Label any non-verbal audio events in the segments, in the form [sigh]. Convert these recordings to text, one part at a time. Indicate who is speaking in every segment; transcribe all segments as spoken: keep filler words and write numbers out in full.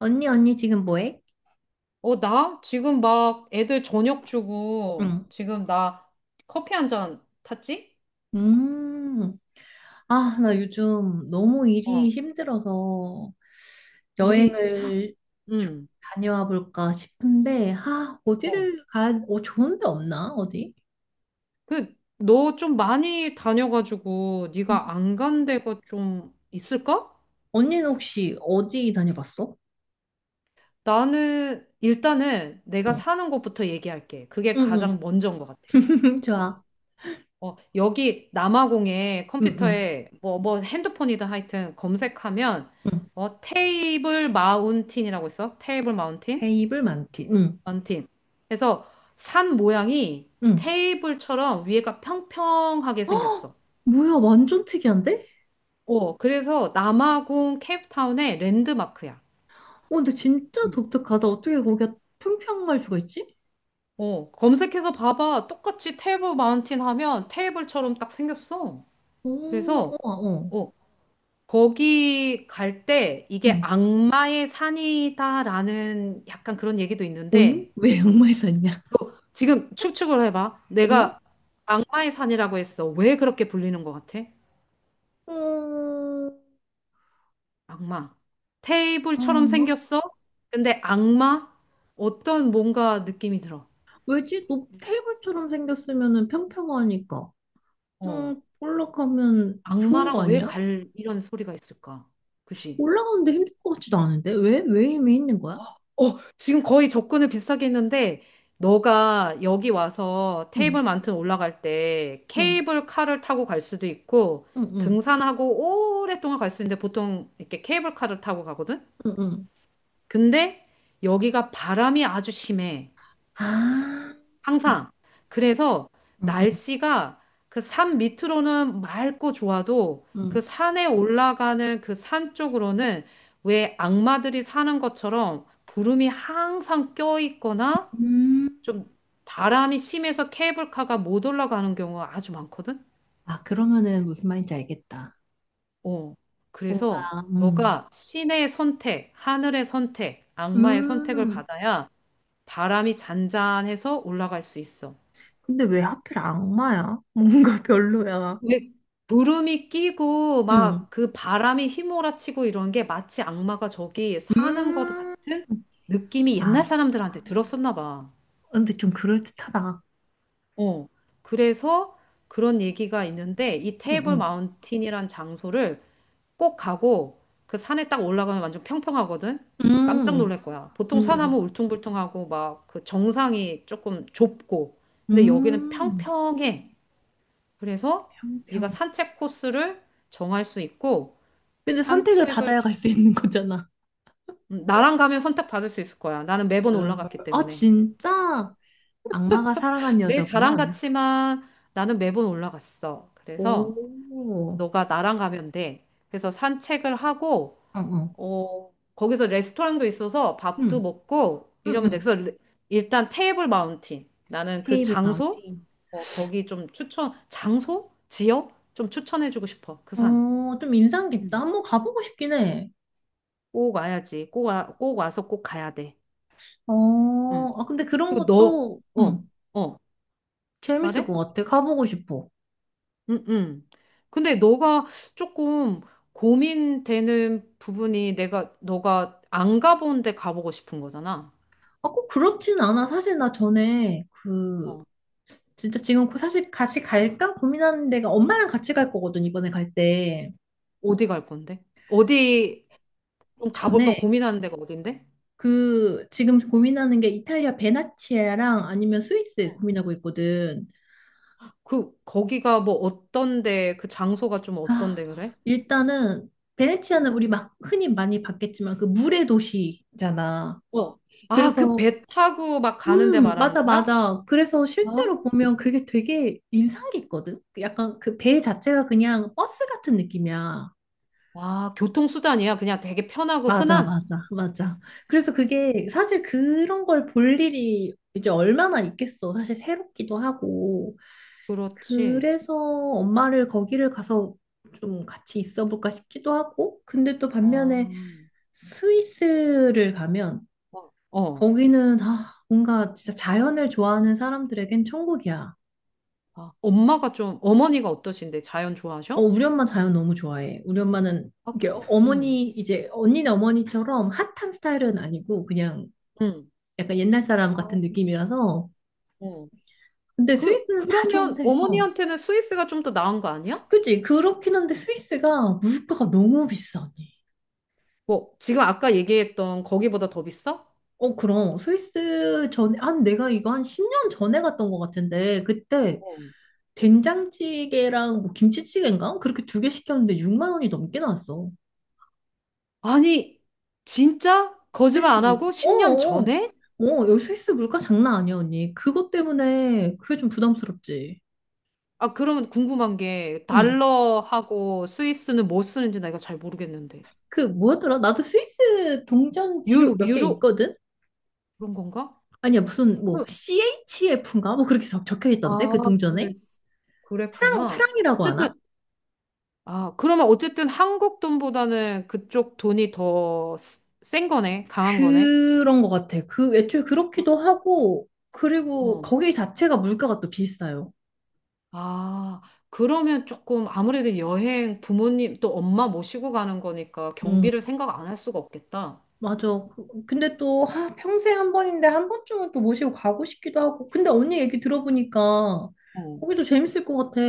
Speaker 1: 언니, 언니 지금 뭐해?
Speaker 2: 어, 나? 지금 막 애들 저녁 주고,
Speaker 1: 응.
Speaker 2: 지금 나 커피 한 잔 탔지?
Speaker 1: 음. 아, 나 요즘 너무 일이
Speaker 2: 어,
Speaker 1: 힘들어서
Speaker 2: 일이,
Speaker 1: 여행을 좀
Speaker 2: 응,
Speaker 1: 다녀와 볼까 싶은데, 아,
Speaker 2: 어.
Speaker 1: 어디를 가야, 어, 좋은 데 없나? 어디?
Speaker 2: 그, 너 좀 많이 다녀가지고,
Speaker 1: 음.
Speaker 2: 네가 안 간 데가 좀 있을까?
Speaker 1: 언니는 혹시 어디 다녀봤어?
Speaker 2: 나는, 일단은 내가
Speaker 1: 응.
Speaker 2: 사는 곳부터 얘기할게. 그게
Speaker 1: 응,
Speaker 2: 가장
Speaker 1: 응.
Speaker 2: 먼저인 것 같아.
Speaker 1: [laughs]
Speaker 2: 그치?
Speaker 1: 좋아.
Speaker 2: 어, 여기 남아공에
Speaker 1: 응, 응.
Speaker 2: 컴퓨터에 뭐, 뭐 핸드폰이든 하여튼 검색하면,
Speaker 1: 응.
Speaker 2: 어, 테이블 마운틴이라고 있어? 테이블 마운틴?
Speaker 1: 테이블 많티. 응.
Speaker 2: 원팀. 그래서 산 모양이
Speaker 1: 응.
Speaker 2: 테이블처럼 위에가 평평하게
Speaker 1: 어,
Speaker 2: 생겼어.
Speaker 1: 뭐야, 완전 특이한데?
Speaker 2: 어, 그래서 남아공 케이프타운의 랜드마크야.
Speaker 1: 어, 근데 진짜 독특하다. 어떻게 거기가 평평할 수가 있지?
Speaker 2: 어, 검색해서 봐봐. 똑같이 테이블 마운틴 하면 테이블처럼 딱 생겼어.
Speaker 1: 오,
Speaker 2: 그래서,
Speaker 1: 어. 어.
Speaker 2: 어, 거기 갈 때 이게
Speaker 1: 응.
Speaker 2: 악마의 산이다라는 약간 그런 얘기도 있는데
Speaker 1: 오잉? 왜 양말 샀냐?
Speaker 2: 지금 추측을 해봐.
Speaker 1: 응?
Speaker 2: 내가 악마의 산이라고 했어. 왜 그렇게 불리는 것 같아?
Speaker 1: 음,
Speaker 2: 악마. 테이블처럼
Speaker 1: 가
Speaker 2: 생겼어? 근데 악마? 어떤 뭔가 느낌이 들어.
Speaker 1: 왜지? 높 테이블처럼 생겼으면은 평평하니까.
Speaker 2: 어.
Speaker 1: 음, 올라가면 좋은 거
Speaker 2: 악마랑 왜
Speaker 1: 아니야?
Speaker 2: 갈 이런 소리가 있을까? 그지?
Speaker 1: 올라가는데 힘들 것 같지도 않은데? 왜? 왜 힘이 있는 거야?
Speaker 2: 어, 지금 거의 접근을 비슷하게 했는데, 너가 여기 와서
Speaker 1: 응,
Speaker 2: 테이블 만튼 올라갈 때
Speaker 1: 응,
Speaker 2: 케이블 카를 타고 갈 수도 있고,
Speaker 1: 응, 응,
Speaker 2: 등산하고 오랫동안 갈 수 있는데 보통 이렇게 케이블 카를 타고 가거든?
Speaker 1: 응, 응.
Speaker 2: 근데 여기가 바람이 아주 심해.
Speaker 1: 아, 응,
Speaker 2: 항상. 그래서
Speaker 1: 응,
Speaker 2: 날씨가 그 산 밑으로는 맑고 좋아도 그
Speaker 1: 응.
Speaker 2: 산에 올라가는 그 산 쪽으로는 왜 악마들이 사는 것처럼 구름이 항상 껴있거나
Speaker 1: 음,
Speaker 2: 좀 바람이 심해서 케이블카가 못 올라가는 경우가 아주 많거든?
Speaker 1: 아, 그러면은 무슨 말인지 알겠다.
Speaker 2: 어.
Speaker 1: 뭔가,
Speaker 2: 그래서
Speaker 1: 음,
Speaker 2: 너가 신의 선택, 하늘의 선택, 악마의 선택을
Speaker 1: 음.
Speaker 2: 받아야 바람이 잔잔해서 올라갈 수 있어.
Speaker 1: 근데 왜 하필 악마야? 뭔가 별로야.
Speaker 2: 왜 구름이 끼고
Speaker 1: 응,
Speaker 2: 막 그 바람이 휘몰아치고 이런 게 마치 악마가 저기 사는 것
Speaker 1: 음.
Speaker 2: 같은 느낌이
Speaker 1: 아,
Speaker 2: 옛날 사람들한테 들었었나 봐.
Speaker 1: 근데 좀 그럴듯하다.
Speaker 2: 어. 그래서 그런 얘기가 있는데 이
Speaker 1: 응,
Speaker 2: 테이블
Speaker 1: 응.
Speaker 2: 마운틴이란 장소를 꼭 가고 그 산에 딱 올라가면 완전 평평하거든. 깜짝
Speaker 1: 음,
Speaker 2: 놀랄 거야. 보통 산 하면
Speaker 1: 음,
Speaker 2: 울퉁불퉁하고 막 그 정상이 조금 좁고 근데 여기는
Speaker 1: 음,
Speaker 2: 평평해. 그래서 네가
Speaker 1: 평평.
Speaker 2: 산책 코스를 정할 수 있고
Speaker 1: 근데 선택을
Speaker 2: 산책을
Speaker 1: 받아야
Speaker 2: 좀-
Speaker 1: 갈 수 있는 거잖아.
Speaker 2: 음, 나랑 가면 선택받을 수 있을 거야. 나는 매번
Speaker 1: 음.
Speaker 2: 올라갔기
Speaker 1: 어,
Speaker 2: 때문에.
Speaker 1: 진짜? 악마가 사랑한
Speaker 2: 내 자랑
Speaker 1: 여자구만.
Speaker 2: 같지만 나는 매번 올라갔어. 그래서
Speaker 1: 오,
Speaker 2: 너가 나랑 가면 돼. 그래서 산책을 하고,
Speaker 1: 어, 어.
Speaker 2: 어, 거기서 레스토랑도 있어서 밥도
Speaker 1: 응,
Speaker 2: 먹고
Speaker 1: 응,
Speaker 2: 이러면 돼.
Speaker 1: 응.
Speaker 2: 그래서 레- 일단 테이블 마운틴. 나는 그
Speaker 1: 테이블
Speaker 2: 장소,
Speaker 1: 마운틴.
Speaker 2: 어, 거기 좀 추천, 장소? 지역? 좀 추천해주고 싶어. 그 산.
Speaker 1: 어, 좀 인상 깊다.
Speaker 2: 음.
Speaker 1: 한번 가보고 싶긴 해.
Speaker 2: 꼭 와야지. 꼭 와, 꼭 와서 꼭 가야 돼. 음.
Speaker 1: 어, 아, 근데 그런
Speaker 2: 그리고 너,
Speaker 1: 것도,
Speaker 2: 어.
Speaker 1: 응,
Speaker 2: 어.
Speaker 1: 재밌을 것
Speaker 2: 말해?
Speaker 1: 같아. 가보고 싶어.
Speaker 2: 응, 응. 근데 너가 조금 고민되는 부분이 내가, 너가 안 가본 데 가보고 싶은 거잖아.
Speaker 1: 아, 꼭 그렇진 않아. 사실 나 전에 그
Speaker 2: 어.
Speaker 1: 진짜 지금 고- 사실 같이 갈까 고민하는 데가 엄마랑 같이 갈 거거든, 이번에 갈 때.
Speaker 2: 어디 갈 건데? 어디 좀
Speaker 1: 전에
Speaker 2: 가볼까 고민하는 데가 어딘데?
Speaker 1: 그 지금 고민하는 게 이탈리아 베네치아랑 아니면 스위스
Speaker 2: 응.
Speaker 1: 고민하고 있거든.
Speaker 2: 그, 거기가 뭐 어떤데, 그 장소가 좀
Speaker 1: 아,
Speaker 2: 어떤데 그래?
Speaker 1: 일단은 베네치아는
Speaker 2: 응.
Speaker 1: 우리 막 흔히 많이 봤겠지만 그 물의 도시잖아.
Speaker 2: 어. 아, 그
Speaker 1: 그래서
Speaker 2: 배 타고 막 가는데
Speaker 1: 음,
Speaker 2: 말하는
Speaker 1: 맞아,
Speaker 2: 거야?
Speaker 1: 맞아. 그래서
Speaker 2: 아,
Speaker 1: 실제로 보면 그게 되게 인상 깊거든. 약간 그 배 자체가 그냥 버스 같은 느낌이야.
Speaker 2: 아, 교통수단이야. 그냥 되게 편하고
Speaker 1: 맞아,
Speaker 2: 흔한?
Speaker 1: 맞아, 맞아. 그래서 그게 사실 그런 걸 볼 일이 이제 얼마나 있겠어. 사실 새롭기도 하고.
Speaker 2: 그렇지.
Speaker 1: 그래서 엄마를 거기를 가서 좀 같이 있어 볼까 싶기도 하고. 근데 또
Speaker 2: 아,
Speaker 1: 반면에 스위스를 가면
Speaker 2: 어. 어.
Speaker 1: 거기는 아, 뭔가 진짜 자연을 좋아하는 사람들에겐 천국이야.
Speaker 2: 아, 엄마가 좀, 어머니가 어떠신데? 자연
Speaker 1: 어,
Speaker 2: 좋아하셔?
Speaker 1: 우리 엄마 자연 너무 좋아해. 우리 엄마는
Speaker 2: 아,
Speaker 1: 이게
Speaker 2: 응,
Speaker 1: 어머니, 이제 언니네 어머니처럼 핫한 스타일은 아니고 그냥
Speaker 2: 응.
Speaker 1: 약간 옛날 사람
Speaker 2: 아,
Speaker 1: 같은 느낌이라서
Speaker 2: 어.
Speaker 1: 근데
Speaker 2: 그,
Speaker 1: 스위스는 다
Speaker 2: 그러면
Speaker 1: 좋은데, 어.
Speaker 2: 어머니한테는 스위스가 좀 더 나은 거 아니야?
Speaker 1: 그치? 그렇긴 한데 스위스가 물가가 너무 비싸니.
Speaker 2: 뭐, 지금 아까 얘기했던 거기보다 더 비싸?
Speaker 1: 어, 그럼. 스위스 전에, 한 내가 이거 한 십 년 전에 갔던 것 같은데, 그때
Speaker 2: 어.
Speaker 1: 된장찌개랑 뭐 김치찌개인가? 그렇게 두 개 시켰는데 육만 원이 넘게 나왔어.
Speaker 2: 아니, 진짜? 거짓말
Speaker 1: 스위스
Speaker 2: 안
Speaker 1: 물가.
Speaker 2: 하고
Speaker 1: 어,
Speaker 2: 십 년
Speaker 1: 어.
Speaker 2: 전에?
Speaker 1: 어, 여기 스위스 물가 장난 아니야, 언니. 그것 때문에 그게 좀 부담스럽지.
Speaker 2: 아, 그러면 궁금한 게,
Speaker 1: 응.
Speaker 2: 달러하고 스위스는 뭐 쓰는지 나이가잘 모르겠는데.
Speaker 1: 그 뭐였더라? 나도 스위스 동전 집에 뭐
Speaker 2: 유,
Speaker 1: 몇개
Speaker 2: 유로?
Speaker 1: 있거든?
Speaker 2: 그런 건가?
Speaker 1: 아니야, 무슨 뭐
Speaker 2: 그-
Speaker 1: 씨에이치에프인가? 뭐 그렇게 적, 적혀 있던데
Speaker 2: 아,
Speaker 1: 그 동전에?
Speaker 2: 그랬,
Speaker 1: 프랑
Speaker 2: 그랬구나.
Speaker 1: 프랑이라고 하나?
Speaker 2: 어쨌든 아, 그러면 어쨌든 한국 돈보다는 그쪽 돈이 더 센 거네, 강한 거네.
Speaker 1: 그런 것 같아. 그 애초에 그렇기도 하고 그리고
Speaker 2: 어.
Speaker 1: 거기 자체가 물가가 또 비싸요.
Speaker 2: 아, 그러면 조금 아무래도 여행 부모님 또 엄마 모시고 가는 거니까
Speaker 1: 음.
Speaker 2: 경비를 생각 안 할 수가 없겠다.
Speaker 1: 맞아. 그- 근데 또 아, 평생 한 번인데 한 번쯤은 또 모시고 가고 싶기도 하고. 근데 언니 얘기 들어보니까
Speaker 2: 어.
Speaker 1: 거기도 재밌을 것 같아.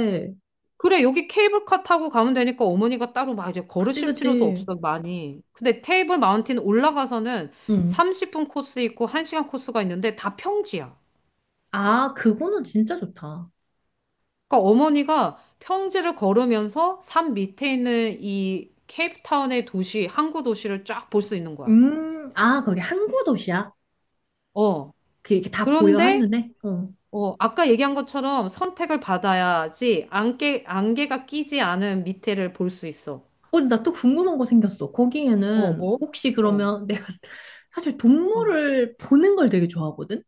Speaker 2: 그래, 여기 케이블카 타고 가면 되니까 어머니가 따로 막 이제
Speaker 1: 그치,
Speaker 2: 걸으실 필요도
Speaker 1: 그치.
Speaker 2: 없어, 많이. 근데 테이블 마운틴 올라가서는
Speaker 1: 응.
Speaker 2: 삼십 분 코스 있고 한 시간 코스가 있는데 다 평지야.
Speaker 1: 아, 그거는 진짜 좋다.
Speaker 2: 그러니까 어머니가 평지를 걸으면서 산 밑에 있는 이 케이프타운의 도시, 항구 도시를 쫙 볼 수 있는 거야.
Speaker 1: 음, 아, 거기 항구 도시야?
Speaker 2: 어.
Speaker 1: 그 이렇게 다 보여
Speaker 2: 그런데
Speaker 1: 한눈에? 어.
Speaker 2: 어, 아까 얘기한 것처럼 선택을 받아야지 안개 안개가 끼지 않은 밑에를 볼 수 있어.
Speaker 1: 어, 나 또 궁금한 거 생겼어.
Speaker 2: 어,
Speaker 1: 거기에는
Speaker 2: 뭐?
Speaker 1: 혹시
Speaker 2: 어,
Speaker 1: 그러면 내가 [laughs] 사실
Speaker 2: 어,
Speaker 1: 동물을 보는 걸 되게 좋아하거든?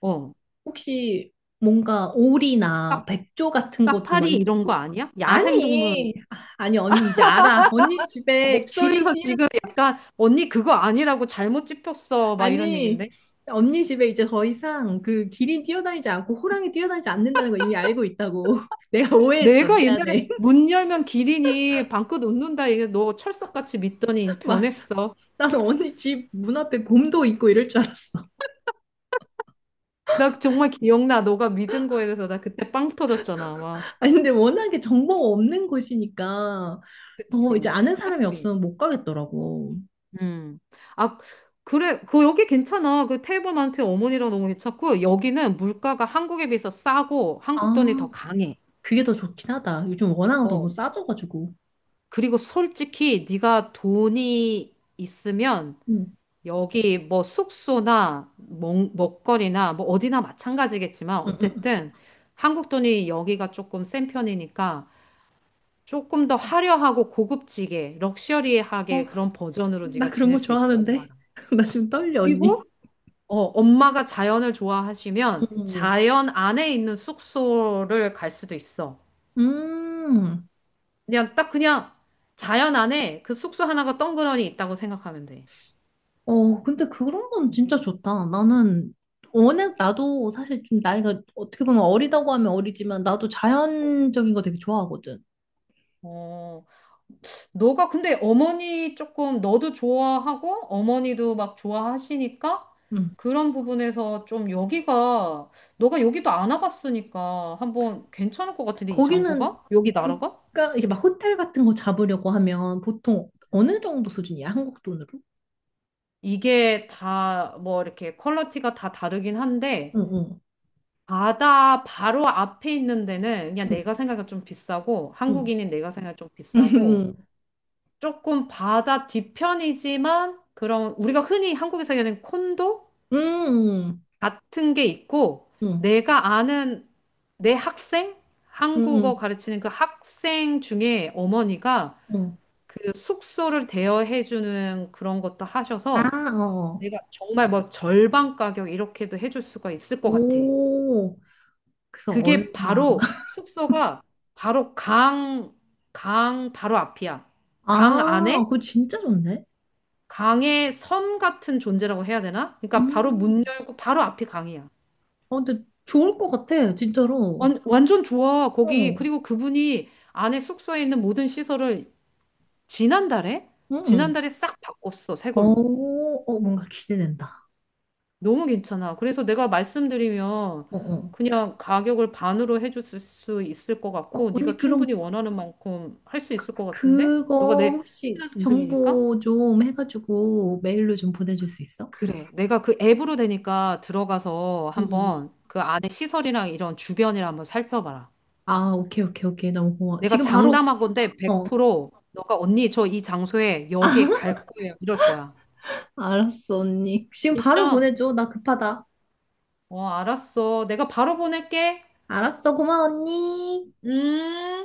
Speaker 2: 어.
Speaker 1: 혹시 뭔가 오리나 백조 같은
Speaker 2: 까-
Speaker 1: 것도
Speaker 2: 파
Speaker 1: 막
Speaker 2: 리 이런 거
Speaker 1: 있고.
Speaker 2: 아니야? 야생동물.
Speaker 1: 아니, 아, 아니, 언니 이제 알아. 언니 집에 기린
Speaker 2: 목소리에서
Speaker 1: 뛰어,
Speaker 2: 지금 약간 언니 그거 아니라고 잘못 짚였어. 막 이런
Speaker 1: 아니,
Speaker 2: 얘긴데.
Speaker 1: 언니 집에 이제 더 이상 그 기린 뛰어다니지 않고 호랑이 뛰어다니지 않는다는 거 이미 알고 있다고. [laughs] 내가 오해했어.
Speaker 2: 내가 옛날에
Speaker 1: 미안해.
Speaker 2: 문 열면 기린이 방긋 웃는다 이게 너 철석같이 믿더니
Speaker 1: [laughs] 맞아.
Speaker 2: 변했어.
Speaker 1: 나는 언니 집 문 앞에 곰도 있고 이럴 줄 알았어.
Speaker 2: 나 정말 기억나. 너가 믿은 거에 대해서 나 그때 빵 터졌잖아. 와.
Speaker 1: 아니, 근데 워낙에 정보가 없는 곳이니까 더 이제
Speaker 2: 그치.
Speaker 1: 아는 사람이
Speaker 2: 그렇지.
Speaker 1: 없으면 못 가겠더라고.
Speaker 2: 음. 아, 그래. 그 여기 괜찮아. 그 테이블만트 어머니랑 너무 괜찮고 여기는 물가가 한국에 비해서 싸고 한국 돈이
Speaker 1: 아,
Speaker 2: 더 강해.
Speaker 1: 그게 더 좋긴 하다. 요즘 워낙
Speaker 2: 어,
Speaker 1: 너무 싸져가지고.
Speaker 2: 그리고 솔직히 네가 돈이 있으면
Speaker 1: 응.
Speaker 2: 여기 뭐 숙소나 먹, 먹거리나 뭐 어디나 마찬가지겠지만
Speaker 1: 응, 응,
Speaker 2: 어쨌든 한국 돈이 여기가 조금 센 편이니까 조금 더 화려하고 고급지게
Speaker 1: 어,
Speaker 2: 럭셔리하게 그런 버전으로
Speaker 1: 나
Speaker 2: 네가
Speaker 1: 그런 거
Speaker 2: 지낼 수 있지
Speaker 1: 좋아하는데.
Speaker 2: 엄마랑.
Speaker 1: [laughs] 나 지금 떨려,
Speaker 2: 그리고
Speaker 1: 언니.
Speaker 2: 어, 엄마가 자연을 좋아하시면
Speaker 1: 응.
Speaker 2: 자연 안에 있는 숙소를 갈 수도 있어.
Speaker 1: 음,
Speaker 2: 그냥 딱 그냥 자연 안에 그 숙소 하나가 덩그러니 있다고 생각하면 돼.
Speaker 1: 어, 근데 그런 건 진짜 좋다. 나는, 워낙 나도 사실 좀 나이가 어떻게 보면 어리다고 하면 어리지만 나도 자연적인 거 되게 좋아하거든.
Speaker 2: 어. 너가 근데 어머니 조금 너도 좋아하고 어머니도 막 좋아하시니까 그런 부분에서 좀 여기가 너가 여기도 안 와봤으니까 한번 괜찮을 것 같은데 이
Speaker 1: 거기는
Speaker 2: 장소가? 여기 나라가?
Speaker 1: 물가, 이게 막 호텔 같은 거 잡으려고 하면 보통 어느 정도 수준이야? 한국 돈으로?
Speaker 2: 이게 다 뭐 이렇게 퀄리티가 다 다르긴 한데
Speaker 1: 응, 응,
Speaker 2: 바다 바로 앞에 있는 데는 그냥
Speaker 1: 응,
Speaker 2: 내가 생각해 좀 비싸고
Speaker 1: 응,
Speaker 2: 한국인인 내가 생각해 좀
Speaker 1: 응,
Speaker 2: 비싸고
Speaker 1: [laughs]
Speaker 2: 조금 바다 뒤편이지만 그런 우리가 흔히 한국에서 얘기하는 콘도?
Speaker 1: 응,
Speaker 2: 같은 게 있고,
Speaker 1: 응,
Speaker 2: 내가 아는 내 학생?
Speaker 1: 응,
Speaker 2: 한국어
Speaker 1: 응,
Speaker 2: 가르치는 그 학생 중에 어머니가
Speaker 1: 응.
Speaker 2: 그 숙소를 대여해 주는 그런 것도
Speaker 1: 아,
Speaker 2: 하셔서
Speaker 1: 어.
Speaker 2: 내가 정말 뭐 절반 가격 이렇게도 해줄 수가 있을 것 같아.
Speaker 1: 오, 그래서
Speaker 2: 그게
Speaker 1: 얼마.
Speaker 2: 바로
Speaker 1: [laughs]
Speaker 2: 숙소가 바로 강, 강 바로 앞이야. 강
Speaker 1: 아,
Speaker 2: 안에
Speaker 1: 그거 진짜 좋네.
Speaker 2: 강의 섬 같은 존재라고 해야 되나? 그러니까 바로 문
Speaker 1: 음.
Speaker 2: 열고 바로 앞이 강이야.
Speaker 1: 어, 근데 좋을 것 같아, 진짜로.
Speaker 2: 완, 완전 좋아, 거기.
Speaker 1: 어,
Speaker 2: 그리고 그분이 안에 숙소에 있는 모든 시설을 지난달에?
Speaker 1: 응, 응.
Speaker 2: 지난달에 싹 바꿨어, 새
Speaker 1: 어,
Speaker 2: 걸로.
Speaker 1: 어, 뭔가 기대된다.
Speaker 2: 너무 괜찮아. 그래서 내가 말씀드리면
Speaker 1: 어, 어.
Speaker 2: 그냥 가격을 반으로 해줄 수 있을 것
Speaker 1: 어,
Speaker 2: 같고,
Speaker 1: 언니,
Speaker 2: 네가
Speaker 1: 그럼
Speaker 2: 충분히 원하는 만큼 할 수 있을 것 같은데? 너가
Speaker 1: 그거
Speaker 2: 내
Speaker 1: 혹시
Speaker 2: 친한 동생이니까?
Speaker 1: 정보 좀 해가지고 메일로 좀 보내줄 수 있어?
Speaker 2: 그래. 내가 그 앱으로 되니까 들어가서
Speaker 1: 응, 응, 응.
Speaker 2: 한번 그 안에 시설이랑 이런 주변이랑 한번 살펴봐라.
Speaker 1: 아, 오케이, 오케이, 오케이. 너무 고마워.
Speaker 2: 내가
Speaker 1: 지금 바로,
Speaker 2: 장담하건데
Speaker 1: 어,
Speaker 2: 백 퍼센트 너가 언니 저 이 장소에 여기 갈 거예요. 이럴 거야.
Speaker 1: 알았어, 언니. 지금 바로
Speaker 2: 진짜?
Speaker 1: 보내줘. 나 급하다.
Speaker 2: 어, 알았어. 내가 바로 보낼게.
Speaker 1: 알았어, 고마워, 언니.
Speaker 2: 음.